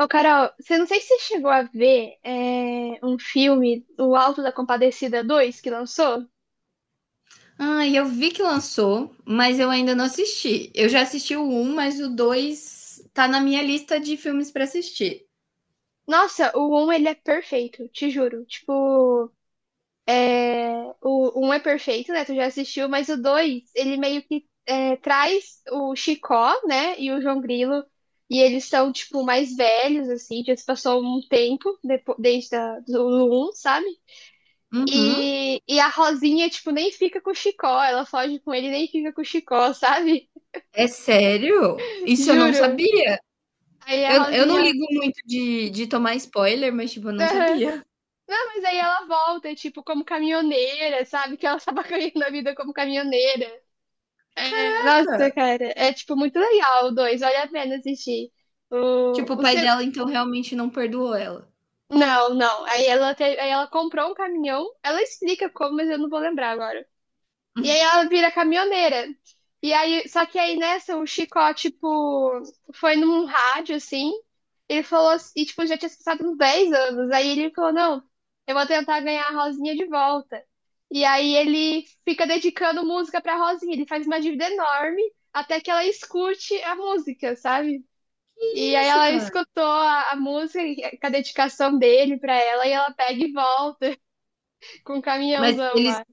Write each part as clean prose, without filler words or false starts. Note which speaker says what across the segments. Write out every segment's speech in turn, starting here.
Speaker 1: Ô, Carol, você não sei se você chegou a ver um filme, O Alto da Compadecida dois que lançou.
Speaker 2: Ah, eu vi que lançou, mas eu ainda não assisti. Eu já assisti o um, mas o 2 tá na minha lista de filmes pra assistir.
Speaker 1: Nossa, o um ele é perfeito, te juro. Tipo, o um é perfeito, né? Tu já assistiu, mas o 2, ele meio que traz o Chicó, né? E o João Grilo. E eles são, tipo, mais velhos, assim, já se passou um tempo desde do um, sabe?
Speaker 2: Uhum.
Speaker 1: E a Rosinha, tipo, nem fica com o Chicó, ela foge com ele e nem fica com o Chicó, sabe?
Speaker 2: É sério? Isso eu não
Speaker 1: Juro.
Speaker 2: sabia.
Speaker 1: Aí a
Speaker 2: Eu não
Speaker 1: Rosinha.
Speaker 2: ligo muito de tomar spoiler, mas, tipo, eu não
Speaker 1: Aham.
Speaker 2: sabia.
Speaker 1: Mas aí ela volta, tipo, como caminhoneira, sabe? Que ela tava ganhando a vida como caminhoneira. É, nossa,
Speaker 2: Caraca!
Speaker 1: cara, é tipo muito legal o dois, vale a pena assistir.
Speaker 2: Tipo, o
Speaker 1: O
Speaker 2: pai
Speaker 1: se-
Speaker 2: dela, então, realmente não perdoou ela.
Speaker 1: Não, não. Aí aí ela comprou um caminhão, ela explica como, mas eu não vou lembrar agora. E aí ela vira caminhoneira. E aí, só que aí nessa, o Chicó, tipo, foi num rádio, assim, ele falou, tipo, já tinha se passado uns 10 anos. Aí ele falou, não, eu vou tentar ganhar a Rosinha de volta. E aí ele fica dedicando música pra Rosinha, ele faz uma dívida enorme até que ela escute a música, sabe? E
Speaker 2: Que
Speaker 1: aí
Speaker 2: isso,
Speaker 1: ela
Speaker 2: cara.
Speaker 1: escutou a música com a dedicação dele pra ela e ela pega e volta com o
Speaker 2: Mas
Speaker 1: caminhãozão
Speaker 2: eles,
Speaker 1: lá.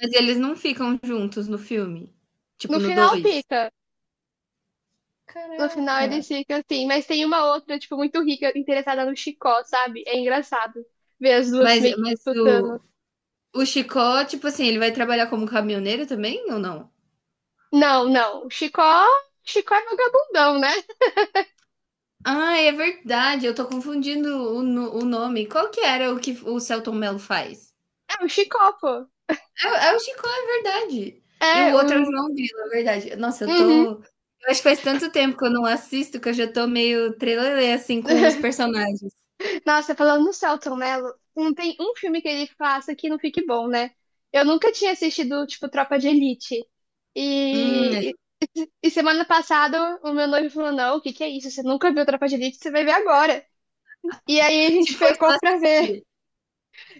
Speaker 2: mas eles não ficam juntos no filme. Tipo,
Speaker 1: No
Speaker 2: no
Speaker 1: final
Speaker 2: 2.
Speaker 1: fica. No final
Speaker 2: Caraca.
Speaker 1: eles ficam assim, mas tem uma outra, tipo, muito rica, interessada no Chicó, sabe? É engraçado ver as duas
Speaker 2: Mas,
Speaker 1: meio que
Speaker 2: mas o,
Speaker 1: disputando.
Speaker 2: O Chicó, tipo assim, ele vai trabalhar como caminhoneiro também ou não?
Speaker 1: Não, não, o Chicó, Chicó é vagabundão, né?
Speaker 2: Ah, é verdade, eu tô confundindo o, no- o nome. Qual que era o que o Celton Mello faz?
Speaker 1: É o Chicó, pô.
Speaker 2: É o Chicó, é verdade. E o
Speaker 1: É,
Speaker 2: outro é o
Speaker 1: o.
Speaker 2: João Grilo, é verdade. Nossa, eu
Speaker 1: Uhum.
Speaker 2: tô. Eu acho que faz tanto tempo que eu não assisto que eu já tô meio trelelê, assim, com os personagens.
Speaker 1: Nossa, falando no Selton Mello, não tem um filme que ele faça que não fique bom, né? Eu nunca tinha assistido, tipo, Tropa de Elite.
Speaker 2: É.
Speaker 1: E, e semana passada o meu noivo falou: Não, o que que é isso? Você nunca viu Tropa de Elite? Você vai ver agora. E aí a
Speaker 2: Se
Speaker 1: gente
Speaker 2: for só
Speaker 1: pecou pra ver.
Speaker 2: assistir.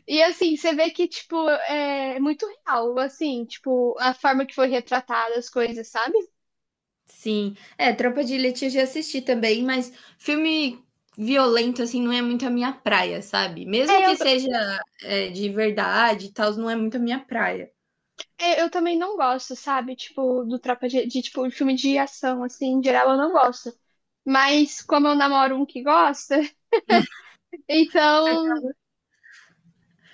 Speaker 1: E assim, você vê que, tipo, é muito real, assim, tipo, a forma que foi retratada as coisas, sabe?
Speaker 2: Sim. É, Tropa de Elite eu já assisti também, mas filme violento, assim, não é muito a minha praia, sabe?
Speaker 1: É,
Speaker 2: Mesmo
Speaker 1: eu,
Speaker 2: que seja, de verdade e tals, não é muito a minha praia.
Speaker 1: eu também não gosto, sabe? Tipo, do Tropa tipo, filme de ação, assim, em geral eu não gosto. Mas como eu namoro um que gosta,
Speaker 2: Você
Speaker 1: então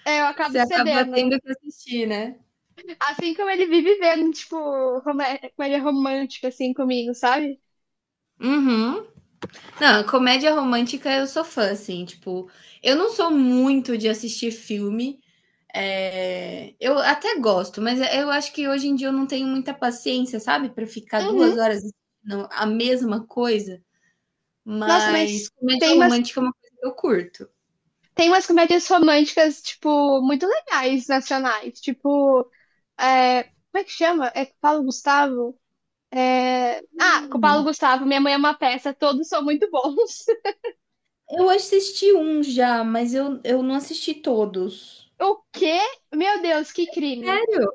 Speaker 1: eu acabo
Speaker 2: você acaba
Speaker 1: cedendo.
Speaker 2: tendo que assistir, né?
Speaker 1: Assim como ele vive vendo, tipo, como ele é romântico, assim, comigo, sabe?
Speaker 2: Uhum. Não, comédia romântica eu sou fã, assim, tipo, eu não sou muito de assistir filme, eu até gosto, mas eu acho que hoje em dia eu não tenho muita paciência, sabe, pra ficar 2
Speaker 1: Uhum.
Speaker 2: horas assistindo a mesma coisa.
Speaker 1: Nossa,
Speaker 2: Mas
Speaker 1: mas
Speaker 2: comédia
Speaker 1: tem umas,
Speaker 2: romântica é uma coisa que eu curto.
Speaker 1: tem umas comédias românticas, tipo, muito legais, nacionais. Tipo, é, como é que chama? É com o Paulo Gustavo? Com o Paulo
Speaker 2: Hum,
Speaker 1: Gustavo, Minha Mãe é uma Peça, todos são muito bons.
Speaker 2: eu assisti um já, mas eu não assisti todos.
Speaker 1: O quê? Meu Deus, que crime.
Speaker 2: Sério?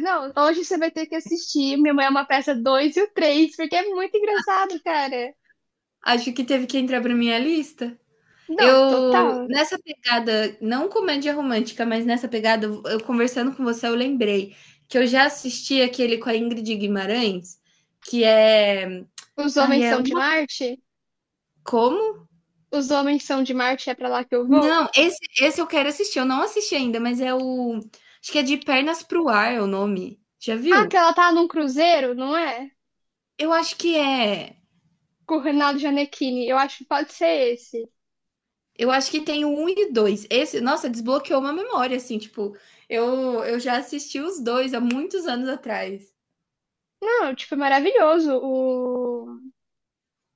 Speaker 1: Não, hoje você vai ter que assistir Minha Mãe é uma Peça dois e o 3 porque é muito engraçado, cara.
Speaker 2: Acho que teve que entrar pra minha lista.
Speaker 1: Não,
Speaker 2: Eu,
Speaker 1: total.
Speaker 2: nessa pegada, não comédia romântica, mas nessa pegada, eu conversando com você, eu lembrei que eu já assisti aquele com a Ingrid Guimarães, que é.
Speaker 1: Os
Speaker 2: Ai,
Speaker 1: Homens
Speaker 2: é
Speaker 1: São de
Speaker 2: uma.
Speaker 1: Marte?
Speaker 2: Como?
Speaker 1: Os Homens São de Marte é pra lá que eu vou?
Speaker 2: Não, esse eu quero assistir, eu não assisti ainda, mas é o. Acho que é De Pernas pro Ar é o nome. Já
Speaker 1: Ah, que
Speaker 2: viu?
Speaker 1: ela tá num cruzeiro, não é?
Speaker 2: Eu acho que é.
Speaker 1: Com o Reinaldo Gianecchini. Eu acho que pode ser esse.
Speaker 2: Eu acho que tem o 1 e 2. Esse, nossa, desbloqueou uma memória, assim, tipo, eu já assisti os dois há muitos anos atrás.
Speaker 1: Não, tipo, é maravilhoso.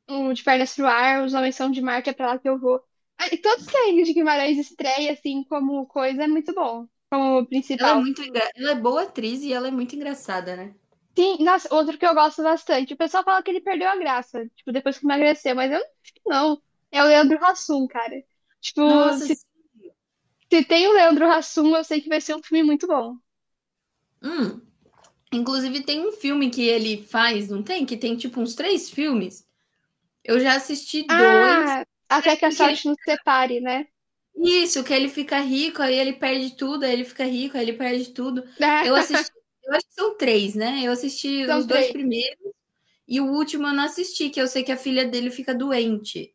Speaker 1: O De Pernas pro Ar, Os Homens São de Marte, é pra lá que eu vou. Ah, e todos que a Ingrid Guimarães estreia, assim, como coisa, é muito bom, como
Speaker 2: Ela é
Speaker 1: principal.
Speaker 2: muito engra... ela é boa atriz e ela é muito engraçada, né?
Speaker 1: Sim, nossa, outro que eu gosto bastante. O pessoal fala que ele perdeu a graça, tipo, depois que emagreceu, mas eu não acho que não. É o Leandro Hassum, cara. Tipo,
Speaker 2: Nossa,
Speaker 1: se tem o Leandro Hassum, eu sei que vai ser um filme muito bom.
Speaker 2: hum. Inclusive tem um filme que ele faz, não tem? Que tem tipo uns três filmes. Eu já assisti dois.
Speaker 1: Ah,
Speaker 2: É
Speaker 1: até que a
Speaker 2: aquele que ele...
Speaker 1: sorte nos separe, né?
Speaker 2: Isso, que ele fica rico, aí ele perde tudo, aí ele fica rico, aí ele perde tudo. Eu assisti, eu acho que são três, né? Eu assisti
Speaker 1: São
Speaker 2: os dois
Speaker 1: três.
Speaker 2: primeiros. E o último eu não assisti, que eu sei que a filha dele fica doente.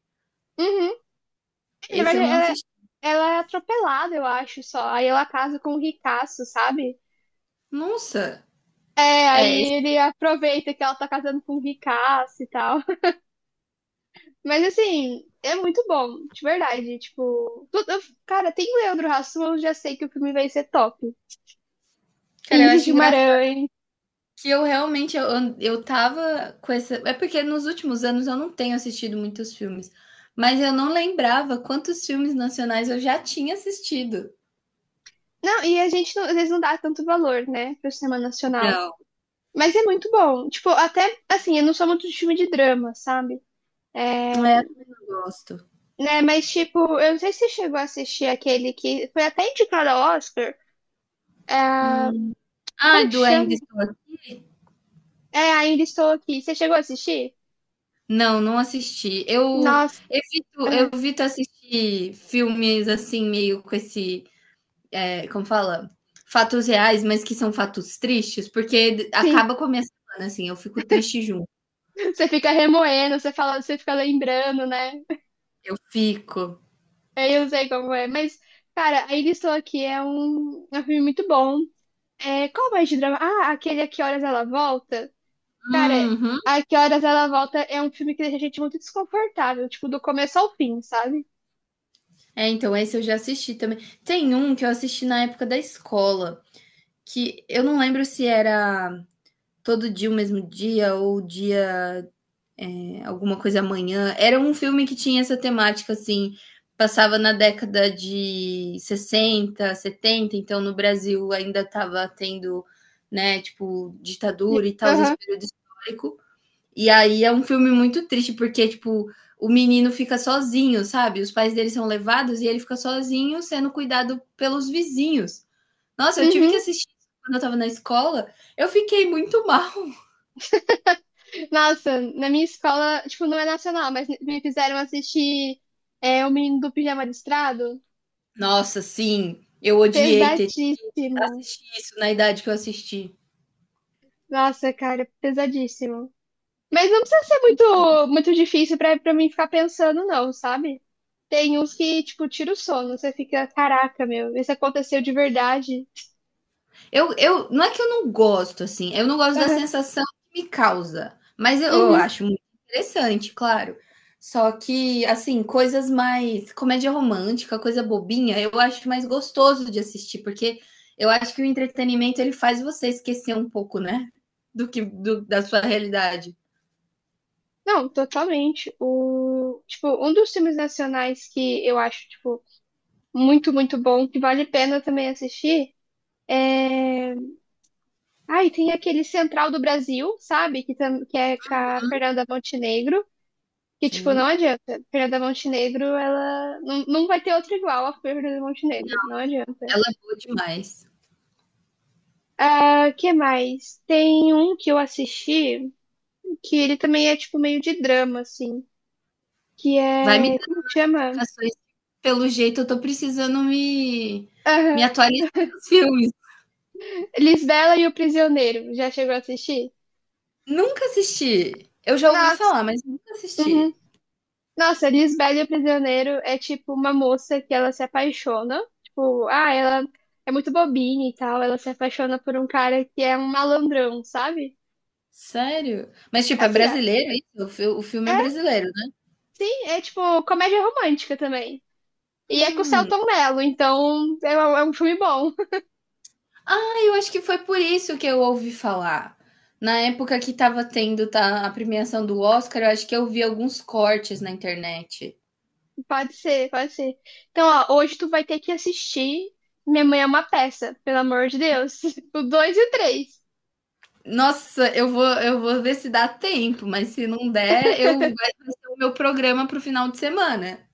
Speaker 1: Uhum. Na
Speaker 2: Esse
Speaker 1: verdade,
Speaker 2: eu não assisti.
Speaker 1: ela é atropelada, eu acho, só. Aí ela casa com o ricaço, sabe?
Speaker 2: Nossa!
Speaker 1: É,
Speaker 2: É, esse,
Speaker 1: aí ele aproveita que ela tá casando com um ricaço e tal. Mas assim, é muito bom, de verdade. Cara, tem Leandro Hassum, eu já sei que o filme vai ser top. E
Speaker 2: cara, eu
Speaker 1: Ingrid
Speaker 2: acho engraçado
Speaker 1: Guimarães.
Speaker 2: que eu realmente eu tava com essa. É porque nos últimos anos eu não tenho assistido muitos filmes. Mas eu não lembrava quantos filmes nacionais eu já tinha assistido.
Speaker 1: Não, e a gente não, às vezes não dá tanto valor, né, pro cinema nacional.
Speaker 2: Não.
Speaker 1: Mas é muito bom. Tipo, até assim, eu não sou muito de filme de drama, sabe? É,
Speaker 2: É, eu gosto.
Speaker 1: né, mas tipo, eu não sei se você chegou a assistir aquele que foi até indicado ao Oscar. É,
Speaker 2: Hum. Ah,
Speaker 1: como que
Speaker 2: do Ainda
Speaker 1: chama?
Speaker 2: Estou Aqui.
Speaker 1: É, ainda estou aqui. Você chegou a assistir?
Speaker 2: Não, não assisti. Eu
Speaker 1: Nossa,
Speaker 2: evito, eu
Speaker 1: é,
Speaker 2: evito assistir filmes assim, meio com esse. É, como fala? Fatos reais, mas que são fatos tristes, porque
Speaker 1: sim.
Speaker 2: acaba com a minha semana, assim, eu fico triste junto.
Speaker 1: Você fica remoendo, você fala, você fica lembrando, né?
Speaker 2: Eu fico.
Speaker 1: É, eu não sei como é. Mas, cara, Ainda Estou Aqui é um filme muito bom. É, qual mais de drama? Ah, aquele A Que Horas Ela Volta. Cara,
Speaker 2: Uhum.
Speaker 1: A Que Horas Ela Volta é um filme que deixa a gente muito desconfortável, tipo, do começo ao fim, sabe?
Speaker 2: É, então, esse eu já assisti também. Tem um que eu assisti na época da escola, que eu não lembro se era todo dia o mesmo dia ou dia Alguma Coisa Amanhã. Era um filme que tinha essa temática, assim, passava na década de 60 setenta, então no Brasil ainda estava tendo, né, tipo, ditadura
Speaker 1: E-
Speaker 2: e tal, esse
Speaker 1: Aham.
Speaker 2: período histórico. E aí é um filme muito triste, porque, tipo, o menino fica sozinho, sabe? Os pais dele são levados e ele fica sozinho, sendo cuidado pelos vizinhos. Nossa, eu tive que
Speaker 1: Uhum.
Speaker 2: assistir quando eu tava na escola, eu fiquei muito mal.
Speaker 1: Nossa, na minha escola, tipo, não é nacional, mas me fizeram assistir O Menino do Pijama Listrado.
Speaker 2: Nossa, sim, eu odiei ter
Speaker 1: Pesadíssimo.
Speaker 2: assisti isso na idade que eu assisti.
Speaker 1: Nossa, cara, pesadíssimo. Mas não precisa ser muito, muito difícil pra, pra mim ficar pensando, não, sabe? Tem uns que, tipo, tira o sono, você fica, caraca, meu, isso aconteceu de verdade.
Speaker 2: Não é que eu não gosto, assim, eu não gosto da sensação que me causa, mas eu
Speaker 1: Uhum.
Speaker 2: acho muito interessante, claro. Só que, assim, coisas mais. Comédia romântica, coisa bobinha, eu acho mais gostoso de assistir, porque eu acho que o entretenimento ele faz você esquecer um pouco, né? Do que da sua realidade.
Speaker 1: Não, totalmente. O, tipo, um dos filmes nacionais que eu acho, tipo, muito, muito bom, que vale a pena também assistir, é... Ai, tem aquele Central do Brasil, sabe? Que é com a Fernanda Montenegro. Que, tipo,
Speaker 2: Sim,
Speaker 1: não adianta. Fernanda Montenegro, ela. Não, não vai ter outra igual a Fernanda Montenegro. Não adianta.
Speaker 2: ela é boa demais.
Speaker 1: Ah, que mais? Tem um que eu assisti que ele também é, tipo, meio de drama, assim. Que
Speaker 2: Vai me
Speaker 1: é. Como que
Speaker 2: dar
Speaker 1: chama?
Speaker 2: indicações, pelo jeito eu tô precisando me
Speaker 1: Aham.
Speaker 2: atualizar nos filmes.
Speaker 1: Lisbela e o Prisioneiro. Já chegou a assistir?
Speaker 2: Nunca assisti. Eu já ouvi
Speaker 1: Nossa,
Speaker 2: falar, mas nunca
Speaker 1: uhum.
Speaker 2: assisti.
Speaker 1: Nossa, Lisbela e o Prisioneiro é tipo uma moça que ela se apaixona. Tipo, ah, ela é muito bobinha e tal. Ela se apaixona por um cara que é um malandrão, sabe?
Speaker 2: Sério? Mas, tipo, é
Speaker 1: Assim, ah,
Speaker 2: brasileiro isso? O filme é
Speaker 1: é
Speaker 2: brasileiro, né?
Speaker 1: Sim, é tipo comédia romântica também. E é com o
Speaker 2: Hum.
Speaker 1: Selton Mello, então é um filme bom.
Speaker 2: Ah, eu acho que foi por isso que eu ouvi falar. Na época que estava tendo a premiação do Oscar, eu acho que eu vi alguns cortes na internet.
Speaker 1: Pode ser, pode ser. Então, ó, hoje tu vai ter que assistir Minha Mãe é uma Peça, pelo amor de Deus. O 2 e o 3.
Speaker 2: Nossa, eu vou ver se dá tempo, mas se não der, eu vai o meu programa para o final de semana.